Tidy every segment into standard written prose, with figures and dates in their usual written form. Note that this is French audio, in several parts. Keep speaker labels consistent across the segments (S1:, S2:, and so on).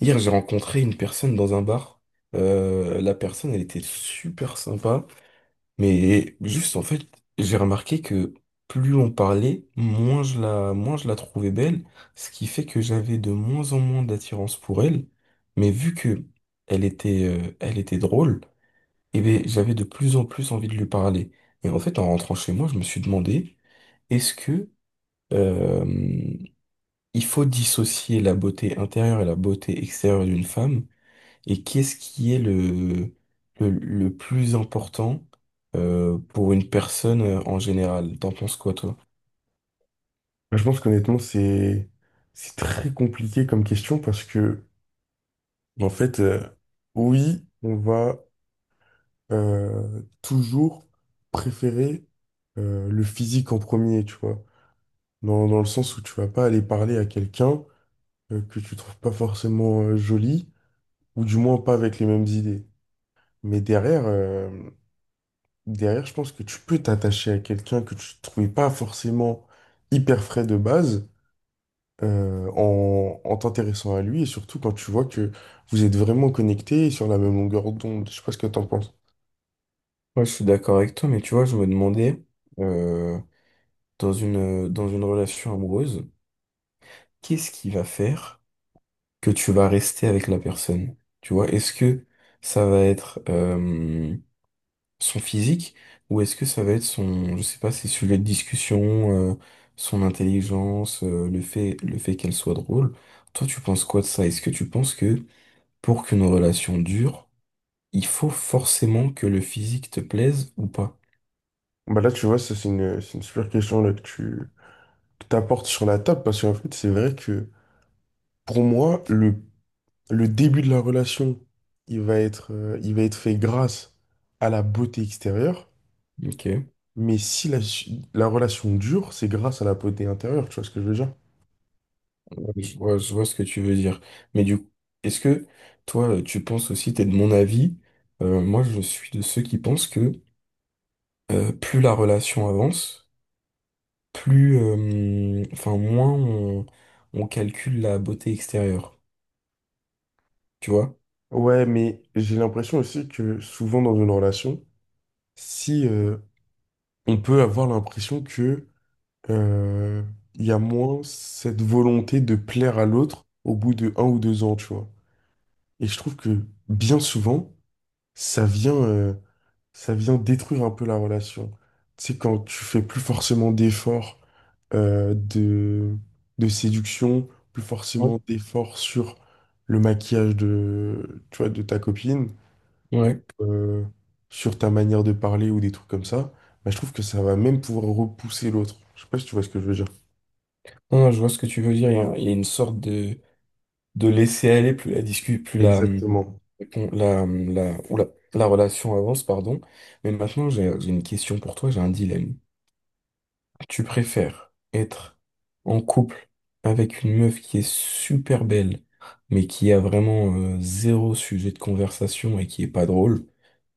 S1: Hier, j'ai rencontré une personne dans un bar. La personne, elle était super sympa. Mais juste, en fait, j'ai remarqué que plus on parlait, moins je la trouvais belle. Ce qui fait que j'avais de moins en moins d'attirance pour elle. Mais vu que elle était drôle, eh ben j'avais de plus en plus envie de lui parler. Et en fait, en rentrant chez moi, je me suis demandé, est-ce que, euh, il faut dissocier la beauté intérieure et la beauté extérieure d'une femme? Et qu'est-ce qui est le plus important pour une personne en général? T'en penses quoi, toi?
S2: Je pense qu'honnêtement, c'est très compliqué comme question parce que, en fait, oui, on va toujours préférer le physique en premier, tu vois. Dans le sens où tu vas pas aller parler à quelqu'un que tu trouves pas forcément joli, ou du moins pas avec les mêmes idées. Mais derrière, derrière, je pense que tu peux t'attacher à quelqu'un que tu trouvais pas forcément hyper frais de base en, en t'intéressant à lui et surtout quand tu vois que vous êtes vraiment connectés et sur la même longueur d'onde. Je sais pas ce que t'en penses.
S1: Ouais, je suis d'accord avec toi, mais tu vois, je me demandais, euh, dans une relation amoureuse, qu'est-ce qui va faire que tu vas rester avec la personne? Tu vois, est-ce que ça va être son physique, ou est-ce que ça va être je sais pas, ses sujets de discussion, son intelligence, le fait qu'elle soit drôle. Toi, tu penses quoi de ça? Est-ce que tu penses que pour qu'une relation dure, il faut forcément que le physique te plaise ou pas?
S2: Bah là, tu vois, ça, c'est une super question là, que tu que t'apportes sur la table parce qu'en fait, c'est vrai que pour moi, le début de la relation, il va être fait grâce à la beauté extérieure.
S1: Ok,
S2: Mais si la relation dure, c'est grâce à la beauté intérieure, tu vois ce que je veux dire?
S1: ouais, je vois ce que tu veux dire. Mais du coup, est-ce que toi, tu penses aussi, t'es de mon avis, moi je suis de ceux qui pensent que plus la relation avance, enfin, on calcule la beauté extérieure. Tu vois?
S2: Ouais, mais j'ai l'impression aussi que souvent dans une relation, si, on peut avoir l'impression que euh, il y a moins cette volonté de plaire à l'autre au bout de un ou deux ans, tu vois. Et je trouve que bien souvent, ça vient, euh, ça vient détruire un peu la relation. Tu sais, quand tu fais plus forcément d'efforts euh, de, de séduction, plus
S1: Ouais.
S2: forcément d'efforts sur le maquillage de, tu vois, de ta copine,
S1: Ouais.
S2: euh, sur ta manière de parler ou des trucs comme ça, bah, je trouve que ça va même pouvoir repousser l'autre. Je sais pas si tu vois ce que je veux dire.
S1: Non, non, je vois ce que tu veux dire. Il y a une sorte de laisser aller, plus la discute, plus la,
S2: Exactement.
S1: con- la, la, oula, la relation avance, pardon. Mais maintenant, j'ai une question pour toi, j'ai un dilemme. Tu préfères être en couple avec une meuf qui est super belle, mais qui a vraiment zéro sujet de conversation et qui est pas drôle?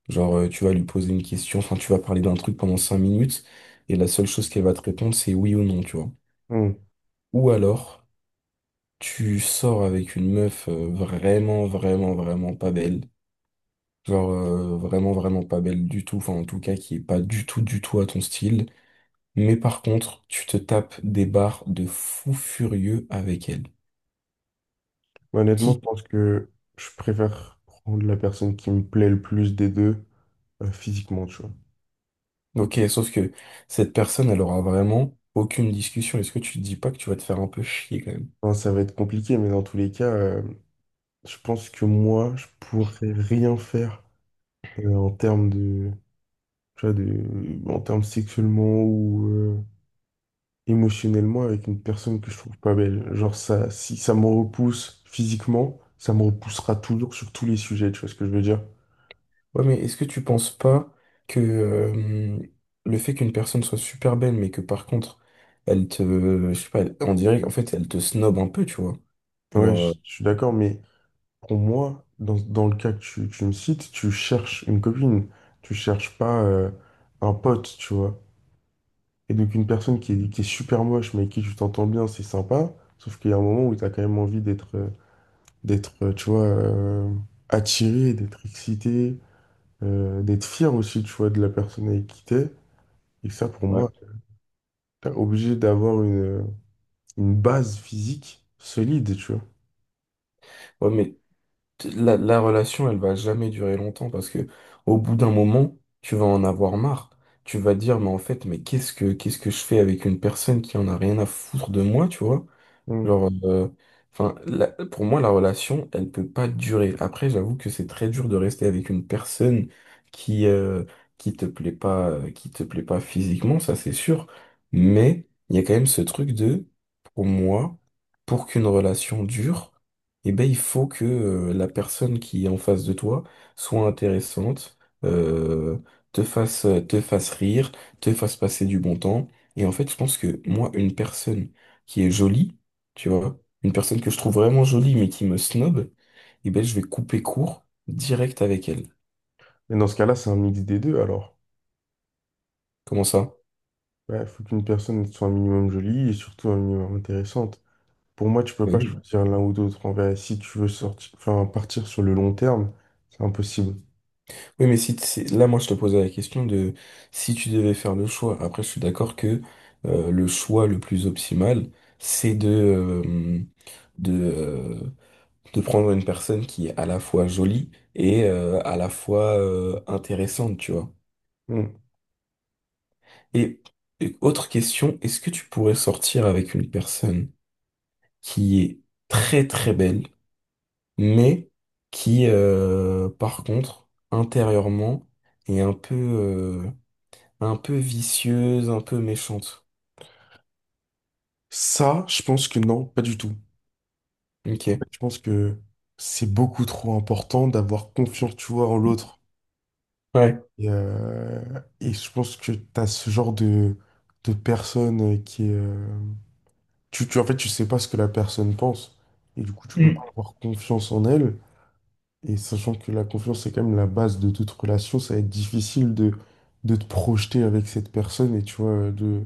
S1: Genre, tu vas lui poser une question, enfin, tu vas parler d'un truc pendant 5 minutes, et la seule chose qu'elle va te répondre, c'est oui ou non, tu vois.
S2: Hmm.
S1: Ou alors, tu sors avec une meuf vraiment, vraiment, vraiment pas belle. Genre, vraiment, vraiment pas belle du tout, enfin, en tout cas, qui est pas du tout, du tout à ton style. Mais par contre, tu te tapes des barres de fou furieux avec elle.
S2: Bah, honnêtement, je
S1: Qui?
S2: pense que je préfère prendre la personne qui me plaît le plus des deux, physiquement, tu vois.
S1: Ok, sauf que cette personne, elle aura vraiment aucune discussion. Est-ce que tu te dis pas que tu vas te faire un peu chier quand même?
S2: Enfin, ça va être compliqué, mais dans tous les cas, je pense que moi, je pourrais rien faire en termes de, tu vois, de, en termes sexuellement ou émotionnellement avec une personne que je trouve pas belle. Genre ça, si ça me repousse physiquement, ça me repoussera toujours sur tous les sujets, tu vois ce que je veux dire?
S1: Ouais, mais est-ce que tu penses pas que le fait qu'une personne soit super belle, mais que par contre, elle te, je sais pas, on dirait qu'en fait, elle te snob un peu, tu vois.
S2: Ouais,
S1: Genre,
S2: je suis d'accord, mais pour moi, dans le cas que tu me cites, tu cherches une copine, tu cherches pas un pote, tu vois. Et donc une personne qui est super moche, mais avec qui tu t'entends bien, c'est sympa, sauf qu'il y a un moment où tu as quand même envie d'être, d'être, euh, tu vois, euh, attiré, d'être excité, d'être fier aussi, tu vois, de la personne avec qui t'es. Et ça, pour
S1: ouais.
S2: moi, t'es obligé d'avoir une base physique solide, tu vois.
S1: Ouais, mais la relation, elle va jamais durer longtemps parce que au bout d'un moment, tu vas en avoir marre. Tu vas dire, mais en fait, mais qu'est-ce que je fais avec une personne qui en a rien à foutre de moi, tu vois?
S2: Mm.
S1: Genre, enfin, la- pour moi, la relation, elle peut pas durer. Après, j'avoue que c'est très dur de rester avec une personne qui, euh, qui te plaît pas physiquement, ça c'est sûr. Mais il y a quand même ce truc de, pour moi, pour qu'une relation dure, eh ben, il faut que, la personne qui est en face de toi soit intéressante, euh, te fasse rire, te fasse passer du bon temps. Et en fait, je pense que moi, une personne qui est jolie, tu vois. Une personne que je trouve vraiment jolie mais qui me snob, et ben je vais couper court direct avec elle.
S2: Mais dans ce cas-là, c'est un mix des deux, alors.
S1: Comment ça?
S2: Il faut qu'une personne soit un minimum jolie et surtout un minimum intéressante. Pour moi, tu peux pas
S1: Oui.
S2: choisir l'un ou l'autre. En vrai, si tu veux sortir, enfin, partir sur le long terme, c'est impossible.
S1: Oui, mais si là, moi, je te posais la question de si tu devais faire le choix. Après, je suis d'accord que le choix le plus optimal, c'est de, euh, de, euh, de prendre une personne qui est à la fois jolie et à la fois intéressante, tu vois.
S2: Mm.
S1: Et, et autre question, est-ce que tu pourrais sortir avec une personne qui est très très belle, mais qui, par contre, intérieurement, est un peu vicieuse, un peu méchante.
S2: Ça, je pense que non, pas du tout.
S1: Ok.
S2: Je pense que c'est beaucoup trop important d'avoir confiance, tu vois, en l'autre.
S1: Ouais.
S2: Et, euh, et je pense que tu as ce genre de personne qui est... en fait, tu sais pas ce que la personne pense. Et du coup, tu peux pas
S1: Mm.
S2: avoir confiance en elle. Et sachant que la confiance, c'est quand même la base de toute relation, ça va être difficile de te projeter avec cette personne et tu vois,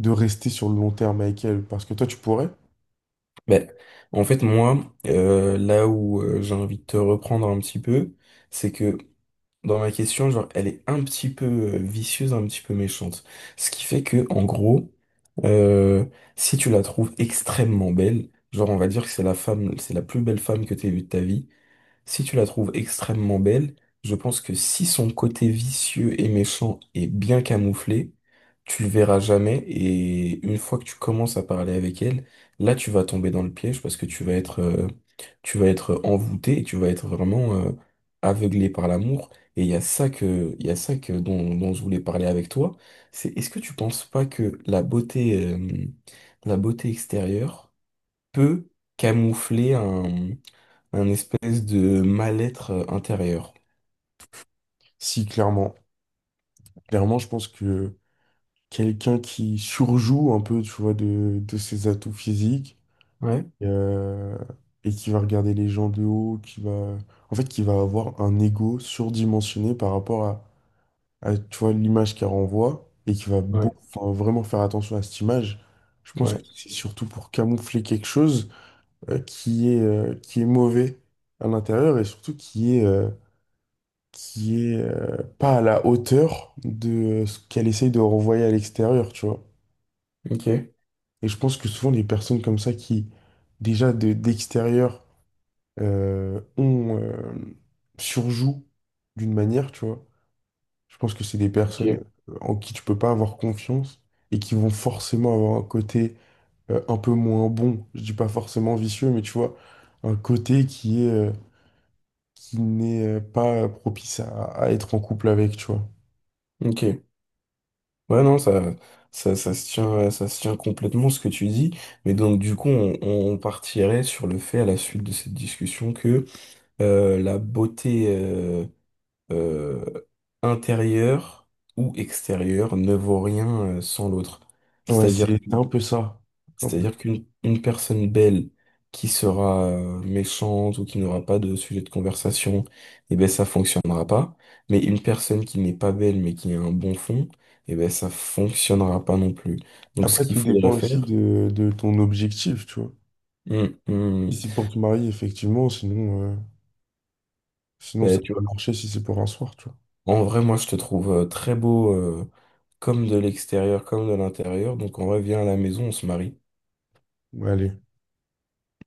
S2: de rester sur le long terme avec elle. Parce que toi, tu pourrais.
S1: Ben, en fait, moi, là où j'ai envie de te reprendre un petit peu, c'est que dans ma question, genre, elle est un petit peu vicieuse, un petit peu méchante. Ce qui fait que, en gros, euh, si tu la trouves extrêmement belle, genre, on va dire que c'est la plus belle femme que t'aies vue de ta vie. Si tu la trouves extrêmement belle, je pense que si son côté vicieux et méchant est bien camouflé, tu le verras jamais, et une fois que tu commences à parler avec elle, là tu vas tomber dans le piège parce que tu vas être envoûté et tu vas être vraiment, aveuglé par l'amour. Et il y a ça que dont je voulais parler avec toi. C'est est-ce que tu penses pas que la beauté extérieure peut camoufler un espèce de mal-être intérieur.
S2: Si, clairement. Clairement, je pense que quelqu'un qui surjoue un peu, tu vois, de ses atouts physiques,
S1: Ouais,
S2: et, euh, et qui va regarder les gens de haut, qui va, en fait, qui va avoir un ego surdimensionné par rapport à, tu vois, l'image qu'elle renvoie et qui va
S1: ouais,
S2: enfin, vraiment faire attention à cette image. Je pense que
S1: ouais,
S2: c'est surtout pour camoufler quelque chose qui est mauvais à l'intérieur et surtout qui est, pas à la hauteur de ce qu'elle essaye de renvoyer à l'extérieur, tu vois.
S1: ok,
S2: Et je pense que souvent les personnes comme ça qui, déjà d'extérieur, on surjoue d'une manière, tu vois. Je pense que c'est des
S1: ok.
S2: personnes en qui tu peux pas avoir confiance et qui vont forcément avoir un côté un peu moins bon. Je dis pas forcément vicieux, mais tu vois, un côté qui est qui n'est pas propice à être en couple avec, tu vois.
S1: Ok. Ouais, non, ça se tient complètement ce que tu dis. Mais donc, du coup, on partirait sur le fait, à la suite de cette discussion, que la beauté euh, intérieure ou extérieure ne vaut rien sans l'autre.
S2: Ouais,
S1: C'est-à-dire.
S2: c'est un peu ça. un peu-
S1: C'est-à-dire qu'une une personne belle qui sera méchante ou qui n'aura pas de sujet de conversation, eh ben ça fonctionnera pas. Mais une personne qui n'est pas belle mais qui a un bon fond, eh ben ça fonctionnera pas non plus. Donc ce
S2: Après,
S1: qu'il
S2: tout dépend
S1: faudrait
S2: aussi
S1: faire.
S2: de ton objectif, tu vois.
S1: Hmm,
S2: Si
S1: hmm,
S2: c'est pour te marier, effectivement, sinon, sinon ça
S1: ben, tu
S2: peut
S1: vois,
S2: marcher si c'est pour un soir, tu vois.
S1: en vrai moi je te trouve très beau, comme de l'extérieur comme de l'intérieur. Donc en vrai viens à la maison, on se marie.
S2: Ouais, allez.